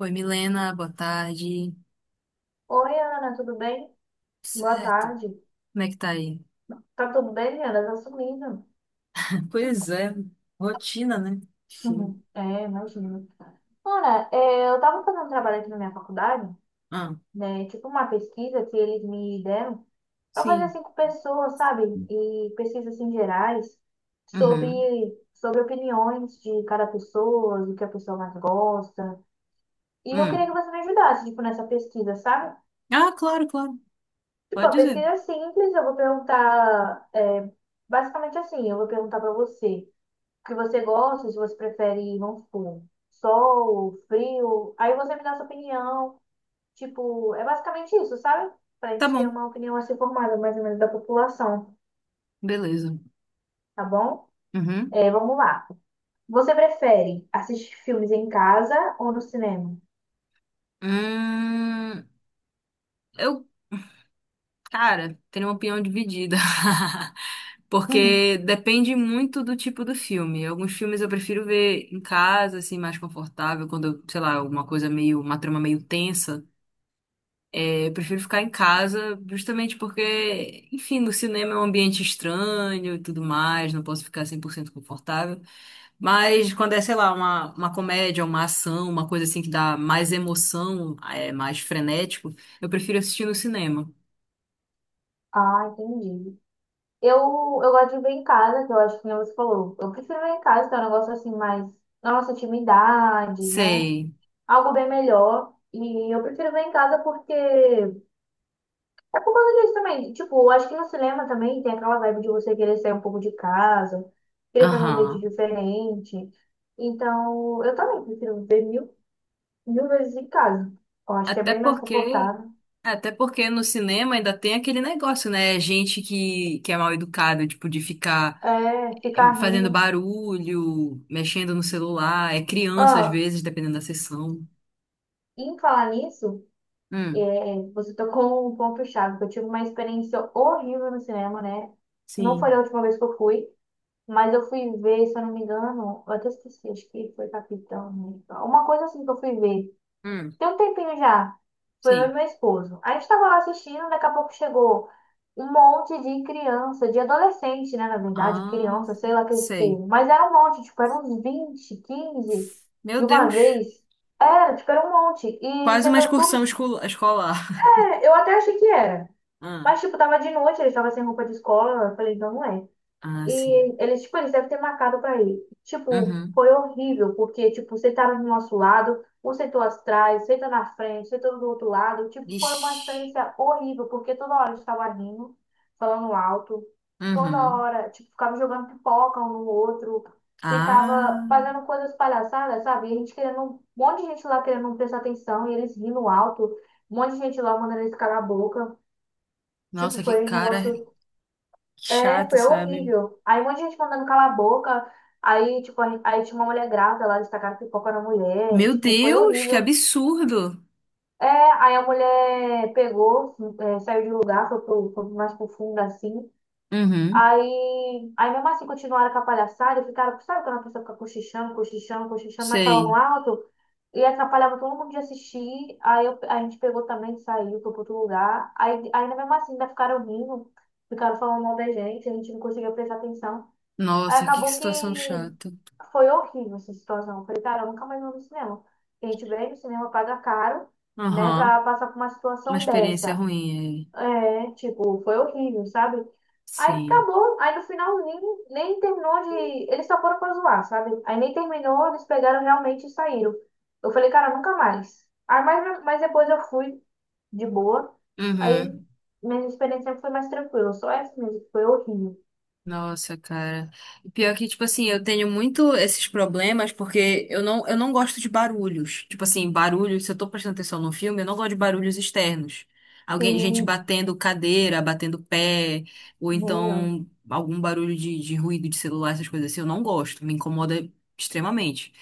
Oi, Milena, boa tarde. Oi, Ana, tudo bem? Boa Certo. tarde. Como é que tá aí? Tá tudo bem, Ana? Tá sumida. Pois é, rotina, né? Sim. Uhum. Imagino. Ana, eu tava fazendo um trabalho aqui na minha faculdade, Ah, né? Tipo uma pesquisa que eles me deram pra fazer sim. assim com pessoas, sabe? E pesquisas assim gerais sobre, Uhum. sobre opiniões de cada pessoa, do que a pessoa mais gosta. E eu queria Hum, que você me ajudasse, tipo, nessa pesquisa, sabe? ah, claro, claro. Tipo, Pode a dizer. pesquisa é simples, eu vou perguntar, basicamente assim, eu vou perguntar pra você o que você gosta, se você prefere, vamos supor, sol, frio. Aí você me dá sua opinião. Tipo, é basicamente isso, sabe? Pra Tá gente ter bom, uma opinião assim formada, mais ou menos, da população, beleza. tá bom? Uhum. Vamos lá. Você prefere assistir filmes em casa ou no cinema? Hum, eu, cara, tenho uma opinião dividida. Porque depende muito do tipo do filme. Alguns filmes eu prefiro ver em casa, assim, mais confortável, quando, eu, sei lá, alguma coisa meio, uma trama meio tensa. É, eu prefiro ficar em casa, justamente porque, enfim, no cinema é um ambiente estranho e tudo mais, não posso ficar 100% confortável. Mas quando é, sei lá, uma comédia, uma ação, uma coisa assim que dá mais emoção, é mais frenético, eu prefiro assistir no cinema. Ah, entendi. Eu, eu gosto de ver em casa, que eu acho que nem você falou. Eu prefiro ver em casa, que é um negócio assim mais na nossa intimidade, né? Sei. Algo bem melhor. E eu prefiro ver em casa porque... Mas isso também, tipo, eu acho que no cinema também tem aquela vibe de você querer sair um pouco de casa, querer fazer um date Aham. diferente. Então, eu também prefiro ver mil vezes em casa. Eu acho que é Até bem mais porque. confortável. Até porque no cinema ainda tem aquele negócio, né? É gente que é mal educada, tipo, de ficar É, ficar fazendo rindo. barulho, mexendo no celular, é criança às Ah, vezes, dependendo da sessão. em falar nisso, Hum, você tocou um ponto-chave, que eu tive uma experiência horrível no cinema, né? Não foi a Sim. última vez que eu fui, mas eu fui ver, se eu não me engano, eu até esqueci, acho que foi Capitão, né? Uma coisa assim que eu fui ver. Hum, Tem um tempinho já. Foi eu e sim. meu esposo. A gente estava lá assistindo, daqui a pouco chegou um monte de criança, de adolescente, né? Na verdade, Ah, criança, sei lá aquele sei. povo. Mas era um monte, tipo, eram uns 20, 15 Meu de uma Deus. vez. Era, tipo, era um monte. E Quase uma sendo tudo, excursão tipo, escolar. é, eu até achei que era. Ah, Mas, tipo, tava de noite, ele estava sem roupa de escola. Eu falei, então não é. ah, sim. E eles, tipo, eles devem ter marcado pra ele. Tipo, Uhum. foi horrível, porque, tipo, sentaram do nosso lado, um sentou atrás, sentou na frente, sentou do outro lado. Tipo, foi uma Ixi. experiência horrível, porque toda hora a gente tava rindo, falando alto, toda Uhum. hora, tipo, ficava jogando pipoca um no outro, ficava Ah, fazendo coisas palhaçadas, sabe? E a gente querendo, um monte de gente lá querendo não prestar atenção, e eles rindo alto, um monte de gente lá mandando eles calar a boca. Tipo, nossa, que foi um cara negócio chato, foi sabe? horrível. Aí um monte de gente mandando calar a boca. Aí, tipo, aí tinha uma mulher grávida lá, destacaram que pipoca era mulher. Meu Tipo, foi Deus, que horrível. absurdo. Aí a mulher saiu de lugar, foi mais pro fundo, assim. Uhum. Aí mesmo assim continuaram com a palhaçada e ficaram, sabe quando a pessoa fica cochichando, cochichando, cochichando, mas falando Sei. alto? E atrapalhava todo mundo de assistir. A gente pegou também, saiu, foi pro outro lugar. Aí, ainda mesmo assim ainda ficaram rindo, ficaram falando mal da gente, a gente não conseguia prestar atenção. Aí Nossa, que acabou que situação chata. foi horrível essa situação. Eu falei, cara, eu nunca mais vou no cinema. A gente vem no cinema, paga caro, né, Aham. pra passar por uma Uma situação experiência dessa. ruim aí. É, tipo, foi horrível, sabe? Aí Sim. acabou, aí no finalzinho nem terminou de. Eles só foram pra zoar, sabe? Aí nem terminou, eles pegaram realmente e saíram. Eu falei, cara, nunca mais. Aí, mas depois eu fui de boa. Aí Uhum. minha experiência foi mais tranquila. Só essa mesmo, que foi horrível. Nossa, cara. E pior que, tipo assim, eu tenho muito esses problemas porque eu não gosto de barulhos. Tipo assim, barulhos, se eu tô prestando atenção no filme, eu não gosto de barulhos externos. Alguém, gente Sim, batendo cadeira, batendo pé, ou nem eu. então algum barulho de ruído de celular, essas coisas assim, eu não gosto, me incomoda extremamente.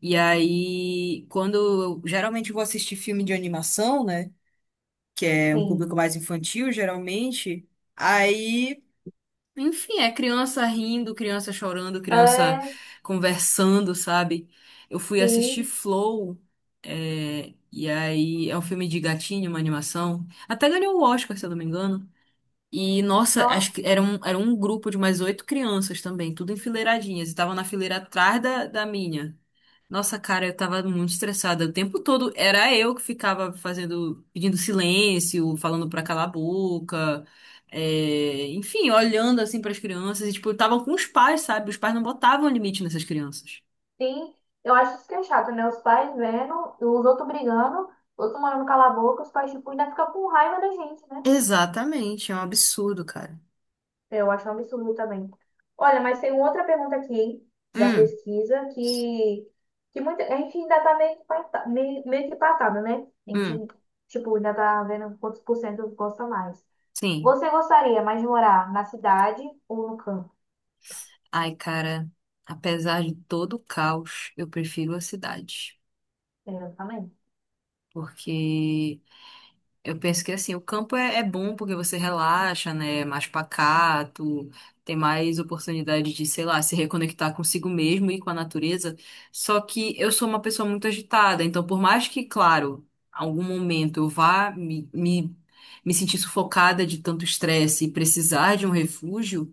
E aí, quando eu geralmente vou assistir filme de animação, né? Que é um Sim. público mais infantil, geralmente. Aí, enfim, é criança rindo, criança chorando, criança É, conversando, sabe? Eu fui assistir sim. Flow, é, e aí é um filme de gatinho, uma animação. Até ganhou o Oscar, se eu não me engano. E, nossa, acho Nossa, que era era um grupo de mais oito crianças também, tudo enfileiradinhas. E tava na fileira atrás da minha. Nossa, cara, eu tava muito estressada. O tempo todo era eu que ficava fazendo, pedindo silêncio, falando pra calar a boca, é, enfim, olhando assim pras crianças. E, tipo, estavam com os pais, sabe? Os pais não botavam limite nessas crianças. sim. Eu acho isso que é chato, né? Os pais vendo, os outros brigando, os outros mandando calar a boca, os pais, tipo, ainda ficam com raiva da gente, né? Exatamente, é um absurdo, cara. Eu acho um absurdo também. Olha, mas tem outra pergunta aqui, hein, da Hum, pesquisa, que muita, a gente ainda tá meio que, meio, meio que empatado, né? A gente, hum, tipo, ainda tá vendo quantos por cento gosta mais. sim. Você gostaria mais de morar na cidade ou no campo? Ai, cara, apesar de todo o caos, eu prefiro a cidade. É, eu também. Porque eu penso que assim, o campo é, é bom porque você relaxa, né? É mais pacato, tem mais oportunidade de, sei lá, se reconectar consigo mesmo e com a natureza. Só que eu sou uma pessoa muito agitada, então por mais que, claro, algum momento eu vá me sentir sufocada de tanto estresse e precisar de um refúgio,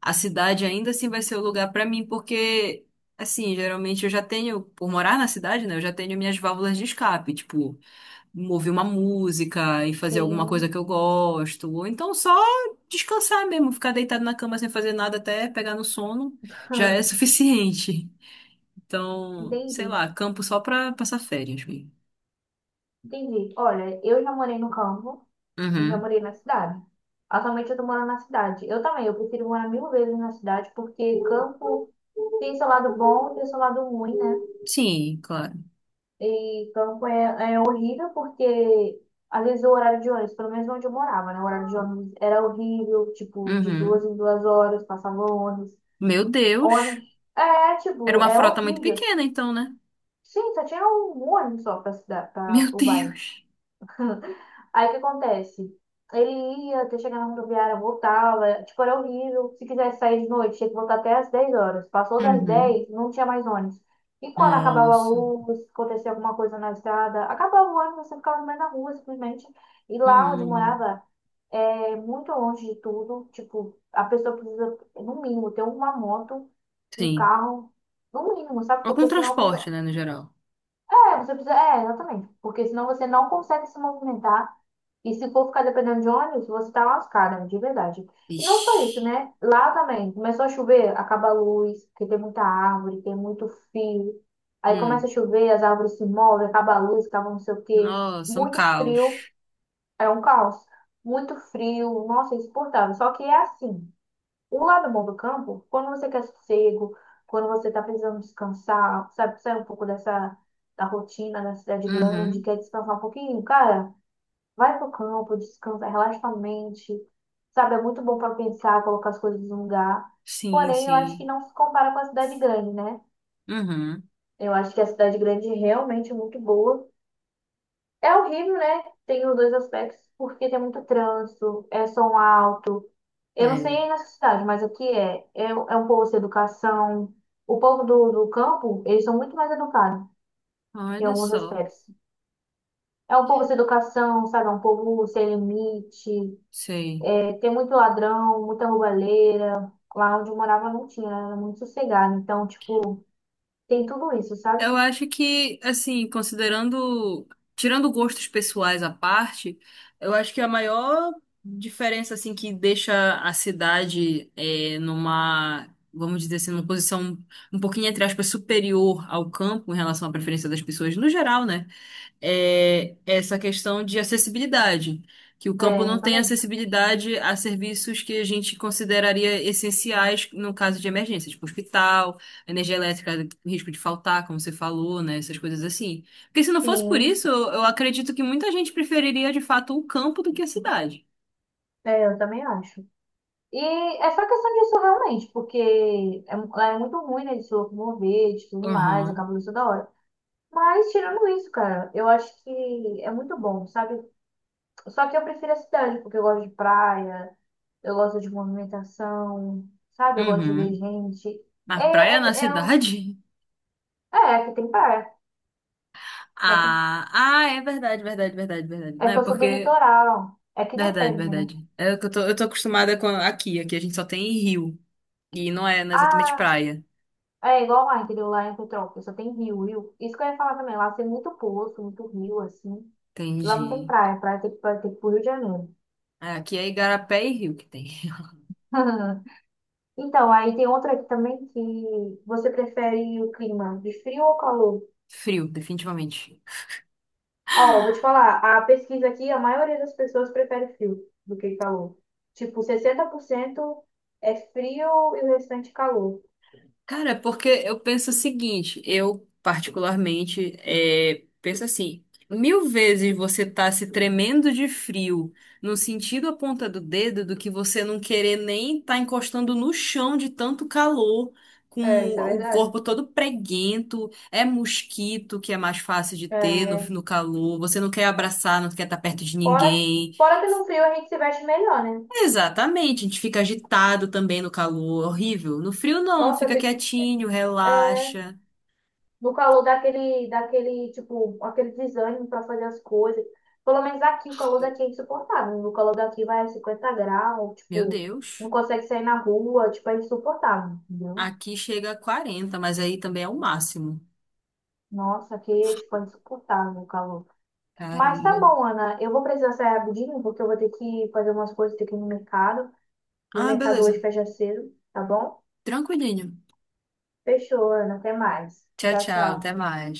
a cidade ainda assim vai ser o lugar para mim, porque assim, geralmente eu já tenho, por morar na cidade, né? Eu já tenho minhas válvulas de escape, tipo ouvir uma música e fazer alguma coisa Sim. que eu gosto, ou então só descansar mesmo, ficar deitado na cama sem fazer nada até pegar no sono, já é suficiente. Então, sei Entendi. lá, campo só pra passar férias mesmo. Entendi. Olha, eu já morei no campo e já Uhum. morei na cidade. Atualmente eu tô morando na cidade. Eu também, eu prefiro morar mil vezes na cidade, porque campo tem seu lado bom e tem seu lado ruim, né? Sim, claro. E campo é horrível porque, às vezes, o horário de ônibus, pelo menos onde eu morava, né? O horário de ônibus era horrível, tipo, de duas Uhum. em duas horas passava ônibus. Meu Deus. Ônibus. É, Era tipo, uma é frota muito horrível. pequena, então, né? Sim, só tinha um ônibus só pra cidade, pra Meu o bairro. Deus. Aí o que acontece? Ele ia até chegar na rodoviária, voltava, tipo, era horrível. Se quisesse sair de noite, tinha que voltar até às 10 horas. Passou das Uhum. 10, não tinha mais ônibus. E quando acabava a Nossa. luz, acontecia alguma coisa na estrada, acabava o ônibus, você ficava no meio da rua, simplesmente. E lá onde eu Uhum. morava, é muito longe de tudo. Tipo, a pessoa precisa, no mínimo, ter uma moto, um Sim. carro, no mínimo, sabe? Algum Porque senão a transporte, pessoa... né, no geral. É, você precisa. É, exatamente. Porque senão você não consegue se movimentar. E se for ficar dependendo de ônibus, você tá lascada, de verdade. E não Ixi. só isso, né? Lá também, começou a chover, acaba a luz, porque tem muita árvore, tem muito fio. Aí começa a Hum. chover, as árvores se movem, acaba a luz, acaba não sei o quê. Nossa, um Muito frio, caos. é um caos. Muito frio, nossa, é insuportável. Só que é assim, o lado bom do campo, quando você quer sossego, quando você tá precisando descansar, sabe, sair um pouco dessa, da rotina da cidade grande, Uhum. quer descansar um pouquinho, cara... Vai pro campo, descansa, relaxa a mente. Sabe, é muito bom para pensar, colocar as coisas no lugar. Sim, Porém, eu acho que sim. não se compara com a cidade grande, né? Uhum. Eu acho que a cidade grande realmente é muito boa. É horrível, né? Tem os dois aspectos, porque tem muito trânsito, é som alto. Eu não sei É. aí nessa cidade, mas aqui é. É um povo sem educação. O povo do campo, eles são muito mais educados em Olha alguns só. aspectos. É um povo sem educação, sabe? É um povo sem limite. Sei. Tem muito ladrão, muita roubalheira. Lá onde eu morava não tinha, era muito sossegado. Então, tipo, tem tudo isso, sabe? Eu acho que, assim, considerando, tirando gostos pessoais à parte, eu acho que a maior diferença, assim, que deixa a cidade é, numa, vamos dizer assim, numa posição um pouquinho, entre aspas, superior ao campo em relação à preferência das pessoas no geral, né? É essa questão de acessibilidade, que o É, campo não tem exatamente. acessibilidade a serviços que a gente consideraria essenciais no caso de emergência, tipo hospital, energia elétrica, risco de faltar, como você falou, né, essas coisas assim. Porque se não fosse por Sim, isso, eu acredito que muita gente preferiria de fato o campo do que a cidade. é, eu também acho. E é só questão disso realmente, porque é, lá é muito ruim, né, de se locomover, de tudo mais, Aham. acaba isso da hora. Mas tirando isso, cara, eu acho que é muito bom, sabe? Só que eu prefiro a cidade, porque eu gosto de praia, eu gosto de movimentação, sabe? Eu gosto de ver Uhum. gente. É, Na praia, na é, é, cidade? É que tem praia. É que Ah, ah, é verdade, verdade, verdade, verdade. É Não que é eu sou do porque litoral. É que verdade, depende, né? verdade. É o que eu tô acostumada com aqui. Aqui a gente só tem rio. E não é, não é exatamente Ah, praia. é igual lá, entendeu? Lá em Petrópolis só tem rio. Isso que eu ia falar também. Lá tem muito poço, muito rio, assim. Lá não tem Entendi, praia. Praia tem praia tem que ir pro Rio de Janeiro. é, aqui é igarapé e rio que tem. Então, aí tem outra aqui também que você prefere o clima de frio ou calor? Frio, definitivamente. Ó, vou te falar. A pesquisa aqui, a maioria das pessoas prefere frio do que calor. Tipo, 60% é frio e o restante calor. Cara, é porque eu penso o seguinte, eu particularmente é, penso assim, mil vezes você tá se tremendo de frio no sentido a ponta do dedo do que você não querer nem tá encostando no chão de tanto calor, É, com isso é o verdade. corpo todo preguento, é mosquito que é mais fácil de ter no, É, no calor, você não quer abraçar, não quer estar perto de Fora, ninguém. fora que no frio a gente se veste melhor, né? Exatamente, a gente fica agitado também no calor, horrível. No frio não, Nossa, eu fica fico quietinho, é, relaxa. no calor daquele, tipo, aquele desânimo pra fazer as coisas. Pelo menos aqui, o calor daqui é insuportável. No calor daqui vai a 50 graus, Meu tipo, não Deus. consegue sair na rua, tipo, é insuportável, entendeu? Aqui chega a 40, mas aí também é o máximo. Nossa, aqui, tipo, é insuportável o calor. Mas tá Caramba. bom, Ana, eu vou precisar sair rapidinho, porque eu vou ter que fazer umas coisas aqui no mercado. E o Ah, mercado hoje beleza. fecha cedo, tá bom? Tranquilinho. Fechou, Ana, até mais. Tchau, Tchau, tchau. Até tchau. mais.